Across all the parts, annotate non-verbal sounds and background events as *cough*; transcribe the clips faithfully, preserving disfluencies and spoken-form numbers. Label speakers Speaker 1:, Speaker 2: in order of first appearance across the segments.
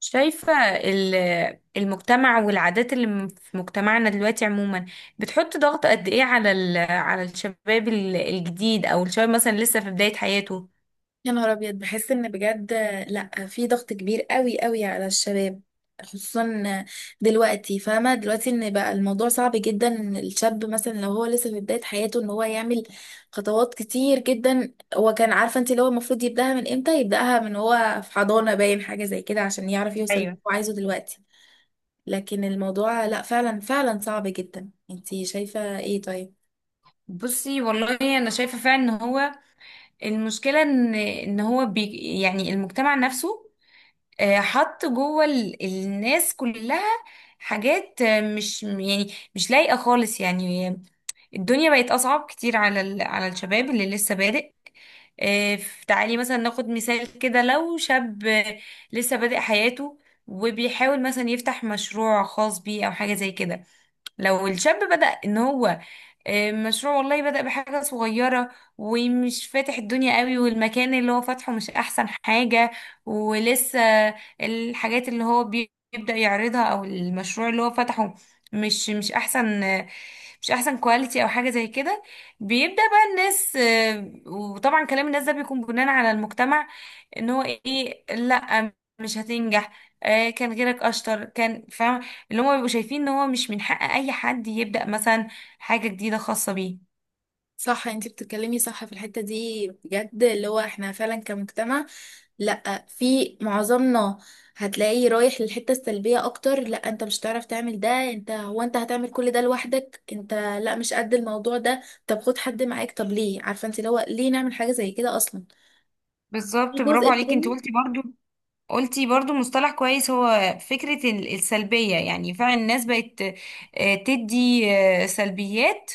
Speaker 1: شايفة ال- المجتمع والعادات اللي م- في مجتمعنا دلوقتي عموما، بتحط ضغط قد ايه على ال- على الشباب ال- الجديد، او الشباب مثلا لسه في بداية حياته.
Speaker 2: يا نهار ابيض، بحس ان بجد. لا، في ضغط كبير قوي قوي على الشباب، خصوصا دلوقتي. فاهمه دلوقتي ان بقى الموضوع صعب جدا، ان الشاب مثلا لو هو لسه في بدايه حياته ان هو يعمل خطوات كتير جدا. هو كان عارفه انت، اللي هو المفروض يبداها من امتى، يبداها من هو في حضانه، باين حاجه زي كده، عشان يعرف يوصل اللي
Speaker 1: ايوه.
Speaker 2: هو عايزه دلوقتي. لكن الموضوع لا، فعلا فعلا صعب جدا. انت شايفه ايه؟ طيب
Speaker 1: بصي والله انا شايفه فعلا ان هو المشكله ان ان هو بي يعني المجتمع نفسه، آه، حط جوه ال- الناس كلها حاجات آه، مش يعني مش لايقه خالص يعني. الدنيا بقت اصعب كتير على ال- على الشباب اللي لسه بادئ، آه، ف- تعالي مثلا ناخد مثال كده. لو شاب آه، لسه بادئ حياته وبيحاول مثلا يفتح مشروع خاص بيه او حاجة زي كده، لو الشاب بدأ ان هو آه، مشروع، والله بدأ بحاجة صغيرة ومش فاتح الدنيا قوي، والمكان اللي هو فاتحه مش احسن حاجة، ولسه الحاجات اللي هو بي- بيبدأ يعرضها او المشروع اللي هو فتحه مش مش احسن آه، مش احسن كواليتي او حاجة زي كده، بيبدأ بقى الناس آه، وطبعا كلام الناس ده بيكون بناء على المجتمع، ان هو ايه، لا مش هتنجح، آه، كان غيرك اشطر، كان فاهم، اللي هم بيبقوا شايفين ان هو مش من حق اي حد يبدأ مثلا حاجة جديدة خاصة بيه.
Speaker 2: صح، انت بتتكلمي صح في الحتة دي بجد. اللي هو احنا فعلا كمجتمع، لا، في معظمنا هتلاقيه رايح للحتة السلبية اكتر. لا انت مش هتعرف تعمل ده، انت هو انت هتعمل كل ده لوحدك انت، لا، مش قد الموضوع ده، طب خد حد معاك، طب ليه؟ عارفة انت، اللي هو ليه نعمل حاجة زي كده اصلا؟ في
Speaker 1: بالظبط، برافو
Speaker 2: جزء
Speaker 1: عليكي، انت
Speaker 2: تاني.
Speaker 1: قلتي برضو قلتي برضو مصطلح كويس، هو فكرة ال- السلبية. يعني فعلا الناس بقت آه، تدي آه، سلبيات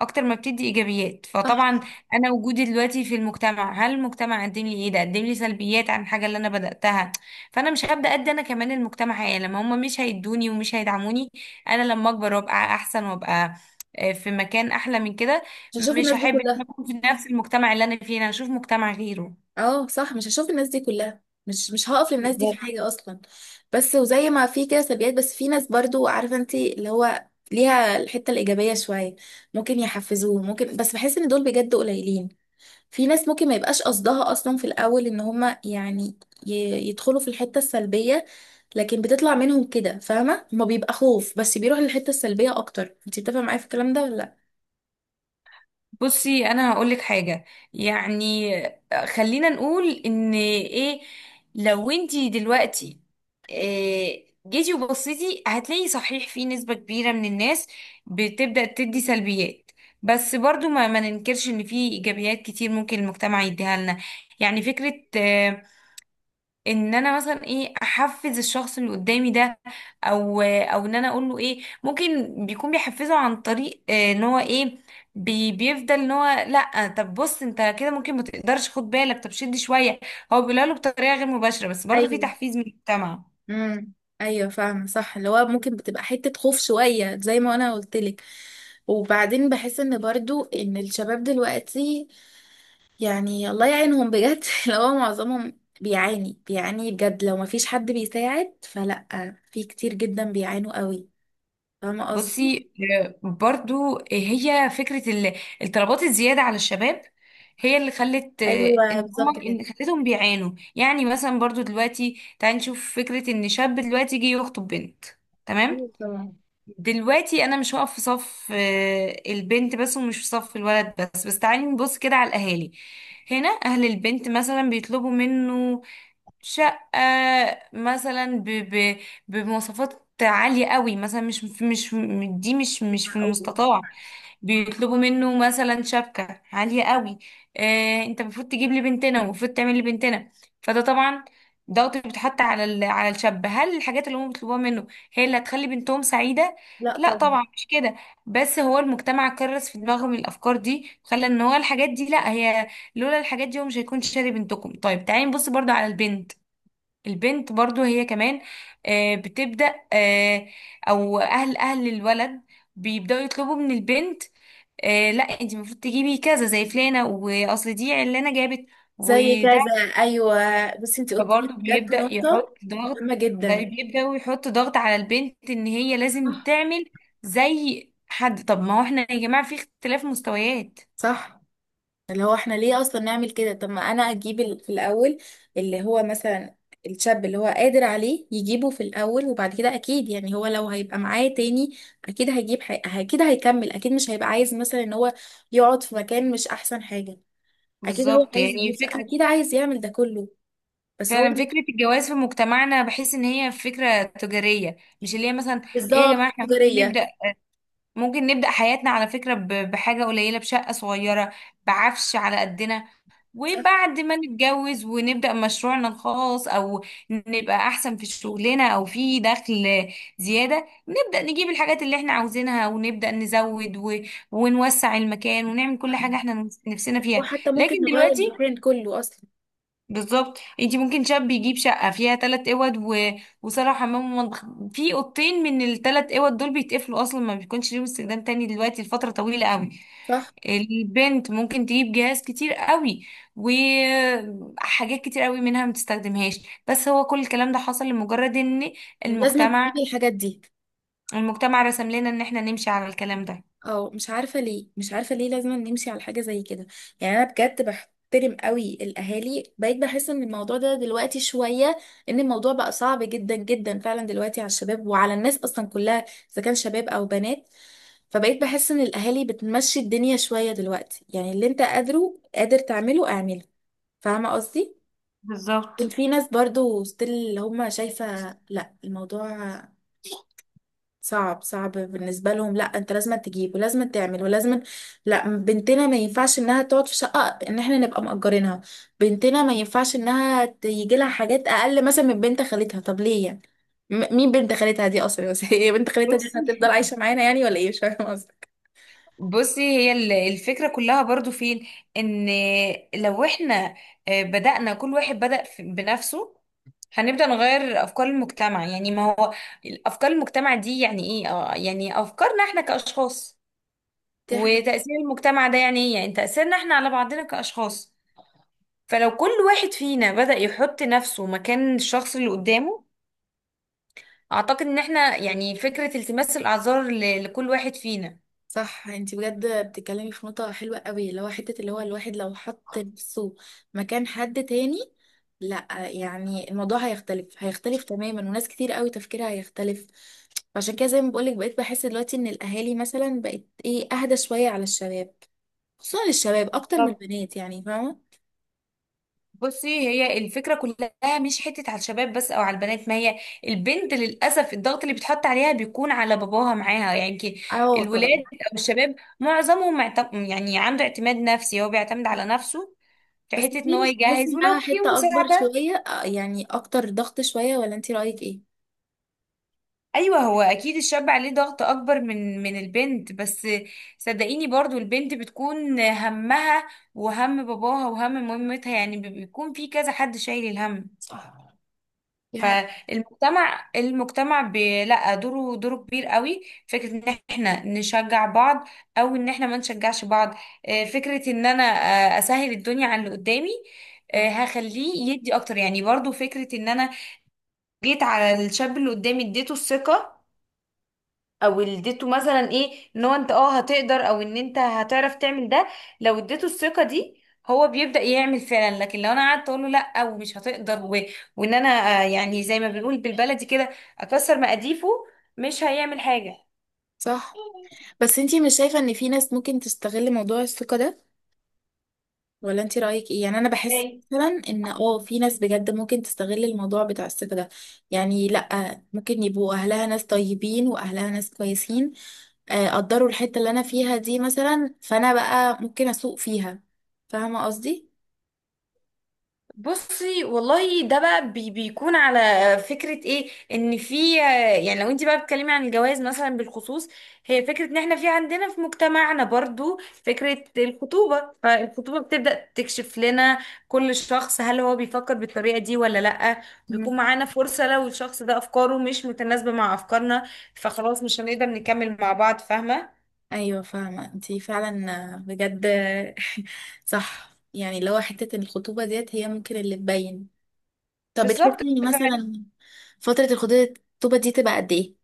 Speaker 1: أكتر ما بتدي إيجابيات، فطبعا
Speaker 2: صح،
Speaker 1: أنا وجودي دلوقتي في المجتمع، هل المجتمع قدم لي إيه؟ ده قدم لي سلبيات عن الحاجة اللي أنا بدأتها، فأنا مش هبدأ أدي أنا كمان المجتمع حاجة لما هم مش هيدوني ومش هيدعموني. أنا لما أكبر وأبقى أحسن وأبقى آه، في مكان أحلى من كده،
Speaker 2: مش هشوف
Speaker 1: مش
Speaker 2: الناس دي
Speaker 1: هحب إن أنا
Speaker 2: كلها.
Speaker 1: أكون في نفس المجتمع اللي أنا فيه، أنا هشوف مجتمع غيره.
Speaker 2: اه صح، مش هشوف الناس دي كلها، مش مش هقف للناس دي في حاجة اصلا. بس وزي ما في كده سلبيات، بس في ناس برضو عارفة، انت اللي هو ليها الحتة الإيجابية شوية، ممكن يحفزوه ممكن، بس بحس ان دول بجد قليلين. في ناس ممكن ما يبقاش قصدها اصلا في الأول ان هما يعني ي- يدخلوا في الحتة السلبية، لكن بتطلع منهم كده، فاهمة؟ ما بيبقى خوف، بس بيروح للحتة السلبية اكتر. انت بتفهم معايا في الكلام ده ولا لا؟
Speaker 1: بصي، انا هقول لك حاجه. يعني خلينا نقول ان ايه، لو انتي دلوقتي إيه جيتي وبصيتي، هتلاقي صحيح في نسبه كبيره من الناس بتبدا تدي سلبيات، بس برضو ما, ما ننكرش ان في ايجابيات كتير ممكن المجتمع يديها لنا. يعني فكره، آه، ان انا مثلا ايه احفز الشخص اللي قدامي ده، او او ان انا اقول له ايه ممكن بيكون بيحفزه عن طريق آه، ان هو ايه، بي بيفضل ان هو لا، طب بص انت كده ممكن ما تقدرش، خد بالك، طب شد شويه، هو بيقولها له بطريقه غير مباشره، بس برضه في
Speaker 2: ايوه.
Speaker 1: تحفيز من المجتمع.
Speaker 2: امم. ايوه فاهمه صح، اللي هو ممكن بتبقى حته خوف شويه زي ما انا قلت لك. وبعدين بحس ان برضو ان الشباب دلوقتي، يعني الله يعينهم بجد *laughs* اللي هو معظمهم بيعاني بيعاني بجد، لو ما فيش حد بيساعد فلا. في كتير جدا بيعانوا قوي. فاهمه قصدي؟
Speaker 1: بصي، آه، برضو آه، هي فكرة ال- الطلبات الزيادة على الشباب، هي اللي خلت آه، ان
Speaker 2: ايوه
Speaker 1: هم
Speaker 2: بالظبط كده.
Speaker 1: إن خلتهم بيعانوا. يعني مثلا برضو دلوقتي تعالي نشوف فكرة ان شاب دلوقتي يجي يخطب بنت. تمام،
Speaker 2: ايوه طبعا.
Speaker 1: دلوقتي انا مش هقف في صف آه، البنت بس ومش في صف الولد بس بس تعالي نبص كده على الاهالي. هنا اهل البنت مثلا بيطلبوا منه شقة، مثلا ب ب بمواصفات عالية قوي، مثلا مش مش دي مش مش في
Speaker 2: أو-
Speaker 1: المستطاع، بيطلبوا منه مثلا شبكة عالية قوي، آه، انت المفروض تجيب لي بنتنا ومفروض تعمل لي بنتنا. فده طبعا ضغط بيتحط على ال- على الشاب. هل الحاجات اللي هم بيطلبوها منه هي اللي هتخلي بنتهم سعيدة؟
Speaker 2: لا
Speaker 1: لا
Speaker 2: طبعا.
Speaker 1: طبعا مش كده، بس هو المجتمع كرس في دماغهم الافكار دي، خلى ان هو الحاجات دي، لا هي، لولا الحاجات دي هو مش هيكون شاري بنتكم. طيب تعالي نبص برضو على البنت. البنت برضو هي كمان آه، بتبدأ، آه، او اهل اهل الولد بيبدأوا يطلبوا من البنت، آه، لا انت المفروض تجيبي كذا زي فلانة، واصل دي علانة جابت،
Speaker 2: زي
Speaker 1: وده
Speaker 2: كذا. ايوه. بس انت قلت لي
Speaker 1: برضو
Speaker 2: بجد
Speaker 1: بيبدأ
Speaker 2: نقطه
Speaker 1: يحط ضغط،
Speaker 2: مهمه
Speaker 1: بقى
Speaker 2: جدا.
Speaker 1: بيبدأ يحط ضغط على البنت ان هي لازم
Speaker 2: صح.
Speaker 1: تعمل زي حد. طب ما هو احنا يا جماعة في اختلاف مستويات.
Speaker 2: صح، اللي هو احنا ليه اصلا نعمل كده؟ طب ما انا اجيب ال- في الاول اللي هو مثلا الشاب اللي هو قادر عليه، يجيبه في الاول وبعد كده اكيد، يعني هو لو هيبقى معاه تاني اكيد هيجيب حي... اكيد هيكمل، اكيد مش هيبقى عايز مثلا ان هو يقعد في مكان مش احسن حاجة. اكيد هو
Speaker 1: بالظبط.
Speaker 2: عايز
Speaker 1: يعني
Speaker 2: يجيب شقة،
Speaker 1: فكرة
Speaker 2: اكيد عايز يعمل ده كله. بس هو
Speaker 1: فعلا فكرة الجواز في مجتمعنا بحس ان هي فكرة تجارية، مش اللي هي مثلا، ايه يا
Speaker 2: بالظبط
Speaker 1: جماعة، احنا ممكن
Speaker 2: تجارية.
Speaker 1: نبدأ ممكن نبدأ حياتنا على فكرة ب- بحاجة قليلة، بشقة صغيرة، بعفش على قدنا،
Speaker 2: صح.
Speaker 1: وبعد ما نتجوز ونبدأ مشروعنا الخاص، أو نبقى أحسن في شغلنا أو في دخل زيادة، نبدأ نجيب الحاجات اللي احنا عاوزينها، ونبدأ نزود و... ونوسع المكان، ونعمل كل حاجة
Speaker 2: صح.
Speaker 1: احنا نفس- نفسنا
Speaker 2: هو
Speaker 1: فيها.
Speaker 2: حتى ممكن
Speaker 1: لكن
Speaker 2: نغير
Speaker 1: دلوقتي،
Speaker 2: المكان كله اصلا.
Speaker 1: بالظبط، انتي ممكن شاب يجيب شقة فيها تلات اوض و... وصالة وحمام ومطبخ، في اوضتين من التلات اوض دول بيتقفلوا اصلا، ما بيكونش ليهم استخدام تاني دلوقتي لفترة طويلة قوي.
Speaker 2: صح،
Speaker 1: البنت ممكن تجيب جهاز كتير قوي، وحاجات كتير قوي منها ما تستخدمهاش، بس هو كل الكلام ده حصل لمجرد ان
Speaker 2: لازم
Speaker 1: المجتمع
Speaker 2: تجيب الحاجات دي.
Speaker 1: المجتمع رسم لنا ان احنا نمشي على الكلام ده.
Speaker 2: اه مش عارفة ليه، مش عارفة ليه لازم نمشي على حاجة زي كده. يعني انا بجد بحترم قوي الاهالي، بقيت بحس ان الموضوع ده دلوقتي شوية، ان الموضوع بقى صعب جدا جدا فعلا دلوقتي على الشباب وعلى الناس اصلا كلها، اذا كان شباب او بنات. فبقيت بحس ان الاهالي بتمشي الدنيا شوية دلوقتي، يعني اللي انت قادره قادر تعمله اعمله. فاهمة قصدي؟ كان
Speaker 1: بالظبط.
Speaker 2: في ناس برضو ستيل اللي هم شايفة، لا الموضوع صعب. صعب بالنسبة لهم، لا انت لازم تجيب ولازم تعمل ولازم، لا بنتنا ما ينفعش انها تقعد في شقة ان احنا نبقى مأجرينها، بنتنا ما ينفعش انها تيجي لها حاجات اقل مثلا من بنت خالتها. طب ليه يعني؟ م- مين بنت خالتها دي اصلا؟ *laughs* بس هي بنت خالتها دي
Speaker 1: بصي
Speaker 2: هتفضل عايشة معانا يعني ولا ايه؟ مش فاهمة
Speaker 1: بصي هي ال- الفكرة كلها برضو فين، ان لو احنا آه، بدأنا، كل واحد بدأ في- بنفسه، هنبدأ نغير أفكار المجتمع. يعني ما هو أفكار المجتمع دي يعني إيه؟ آه، يعني أفكارنا إحنا كأشخاص.
Speaker 2: قصدك.
Speaker 1: وتأثير المجتمع ده يعني إيه؟ يعني تأثيرنا إحنا على بعضنا كأشخاص. فلو كل واحد فينا بدأ يحط نفسه مكان الشخص اللي قدامه، أعتقد إن إحنا يعني فكرة التماس الأعذار ل- لكل واحد فينا.
Speaker 2: صح، انت بجد بتتكلمي في نقطة حلوة قوي، اللي هو حتة اللي هو الواحد لو حط نفسه مكان حد تاني، لا يعني الموضوع هيختلف، هيختلف تماما، وناس كتير قوي تفكيرها هيختلف. فعشان كده، زي ما بقولك، بقيت بحس دلوقتي ان الاهالي مثلا بقت، ايه، اهدى شوية على الشباب، خصوصا للشباب اكتر من البنات، يعني فاهمة.
Speaker 1: بصي، هي الفكرة كلها مش حتة على الشباب بس أو على البنات، ما هي البنت للأسف الضغط اللي بيتحط عليها بيكون على باباها معاها يعني كي-
Speaker 2: اه
Speaker 1: الولاد
Speaker 2: طبعا.
Speaker 1: أو الشباب معظمهم معت- يعني عنده اعتماد نفسي، هو بيعتمد على نفسه في
Speaker 2: بس
Speaker 1: حتة إن
Speaker 2: دي
Speaker 1: هو
Speaker 2: مش تحس
Speaker 1: يجهز ولو
Speaker 2: انها
Speaker 1: في
Speaker 2: حتة اكبر
Speaker 1: مساعدة.
Speaker 2: شوية، اه يعني اكتر ضغط شوية، ولا انت رأيك ايه؟
Speaker 1: أيوه، هو أكيد الشاب عليه ضغط أكبر من من البنت، بس صدقيني برضو البنت بتكون همها وهم باباها وهم مامتها، يعني بيكون في كذا حد شايل الهم.
Speaker 2: صح. دي حاجة.
Speaker 1: فالمجتمع المجتمع بي- لا، دوره دوره كبير قوي. فكرة ان احنا نشجع بعض او ان احنا ما نشجعش بعض، آه، فكرة ان انا آه، اسهل الدنيا على اللي قدامي، آه، هخليه يدي اكتر. يعني برضو فكرة ان انا جيت على الشاب اللي قدامي اديته الثقة، او اديته مثلا ايه ان هو انت اه هتقدر، او ان انت هتعرف تعمل ده. لو اديته الثقه دي هو بيبدا يعمل فعلا، لكن لو انا قعدت اقول له لا ومش هتقدر و... وان انا آه، يعني زي ما بنقول بالبلدي كده، اكسر مقاديفه، مش هيعمل حاجه.
Speaker 2: صح. بس انتي مش شايفة ان في ناس ممكن تستغل موضوع الثقة ده؟ ولا انتي رأيك ايه؟ يعني انا بحس مثلا ان اه في ناس بجد ممكن تستغل الموضوع بتاع الثقة ده، يعني لا، ممكن يبقوا اهلها ناس طيبين واهلها ناس كويسين، آه، قدروا الحتة اللي انا فيها دي مثلا، فانا بقى ممكن اسوق فيها. فاهمة قصدي؟
Speaker 1: بصي والله، ده بقى بي بيكون على فكرة ايه ان في، يعني لو انت بقى بتتكلمي عن الجواز مثلا بالخصوص، هي فكرة ان احنا في عندنا في مجتمعنا برضو فكرة الخطوبة، فالخطوبة بتبدأ تكشف لنا كل شخص هل هو بيفكر بالطريقة دي ولا لأ. بيكون
Speaker 2: مم.
Speaker 1: معانا فرصة لو الشخص ده افكاره مش متناسبة مع افكارنا، فخلاص مش هنقدر نكمل مع بعض، فاهمة؟
Speaker 2: ايوه فاهمة انتي فعلا آه، بجد *laughs* صح، يعني لو حتة الخطوبة ديت هي ممكن اللي تبين. طب
Speaker 1: بالظبط.
Speaker 2: بتحسي مثلا فترة الخطوبة، الخطوبة دي تبقى قد ايه؟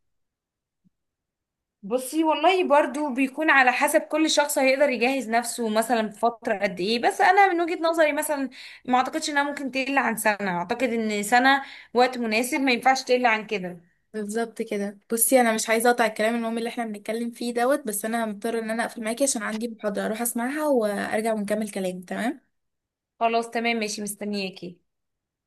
Speaker 1: بصي والله برضو بيكون على حسب كل شخص هيقدر يجهز نفسه مثلا في فترة قد ايه، بس انا من وجهة نظري مثلا ما اعتقدش انها ممكن تقل عن سنة، اعتقد ان سنة وقت مناسب، ما ينفعش تقل عن كده.
Speaker 2: بالظبط كده. بصي، انا مش عايزه اقطع الكلام المهم اللي احنا بنتكلم فيه دوت، بس انا مضطره ان انا اقفل معاكي عشان عندي محاضره اروح اسمعها وارجع ونكمل كلام، تمام؟
Speaker 1: خلاص، تمام، ماشي، مستنياكي.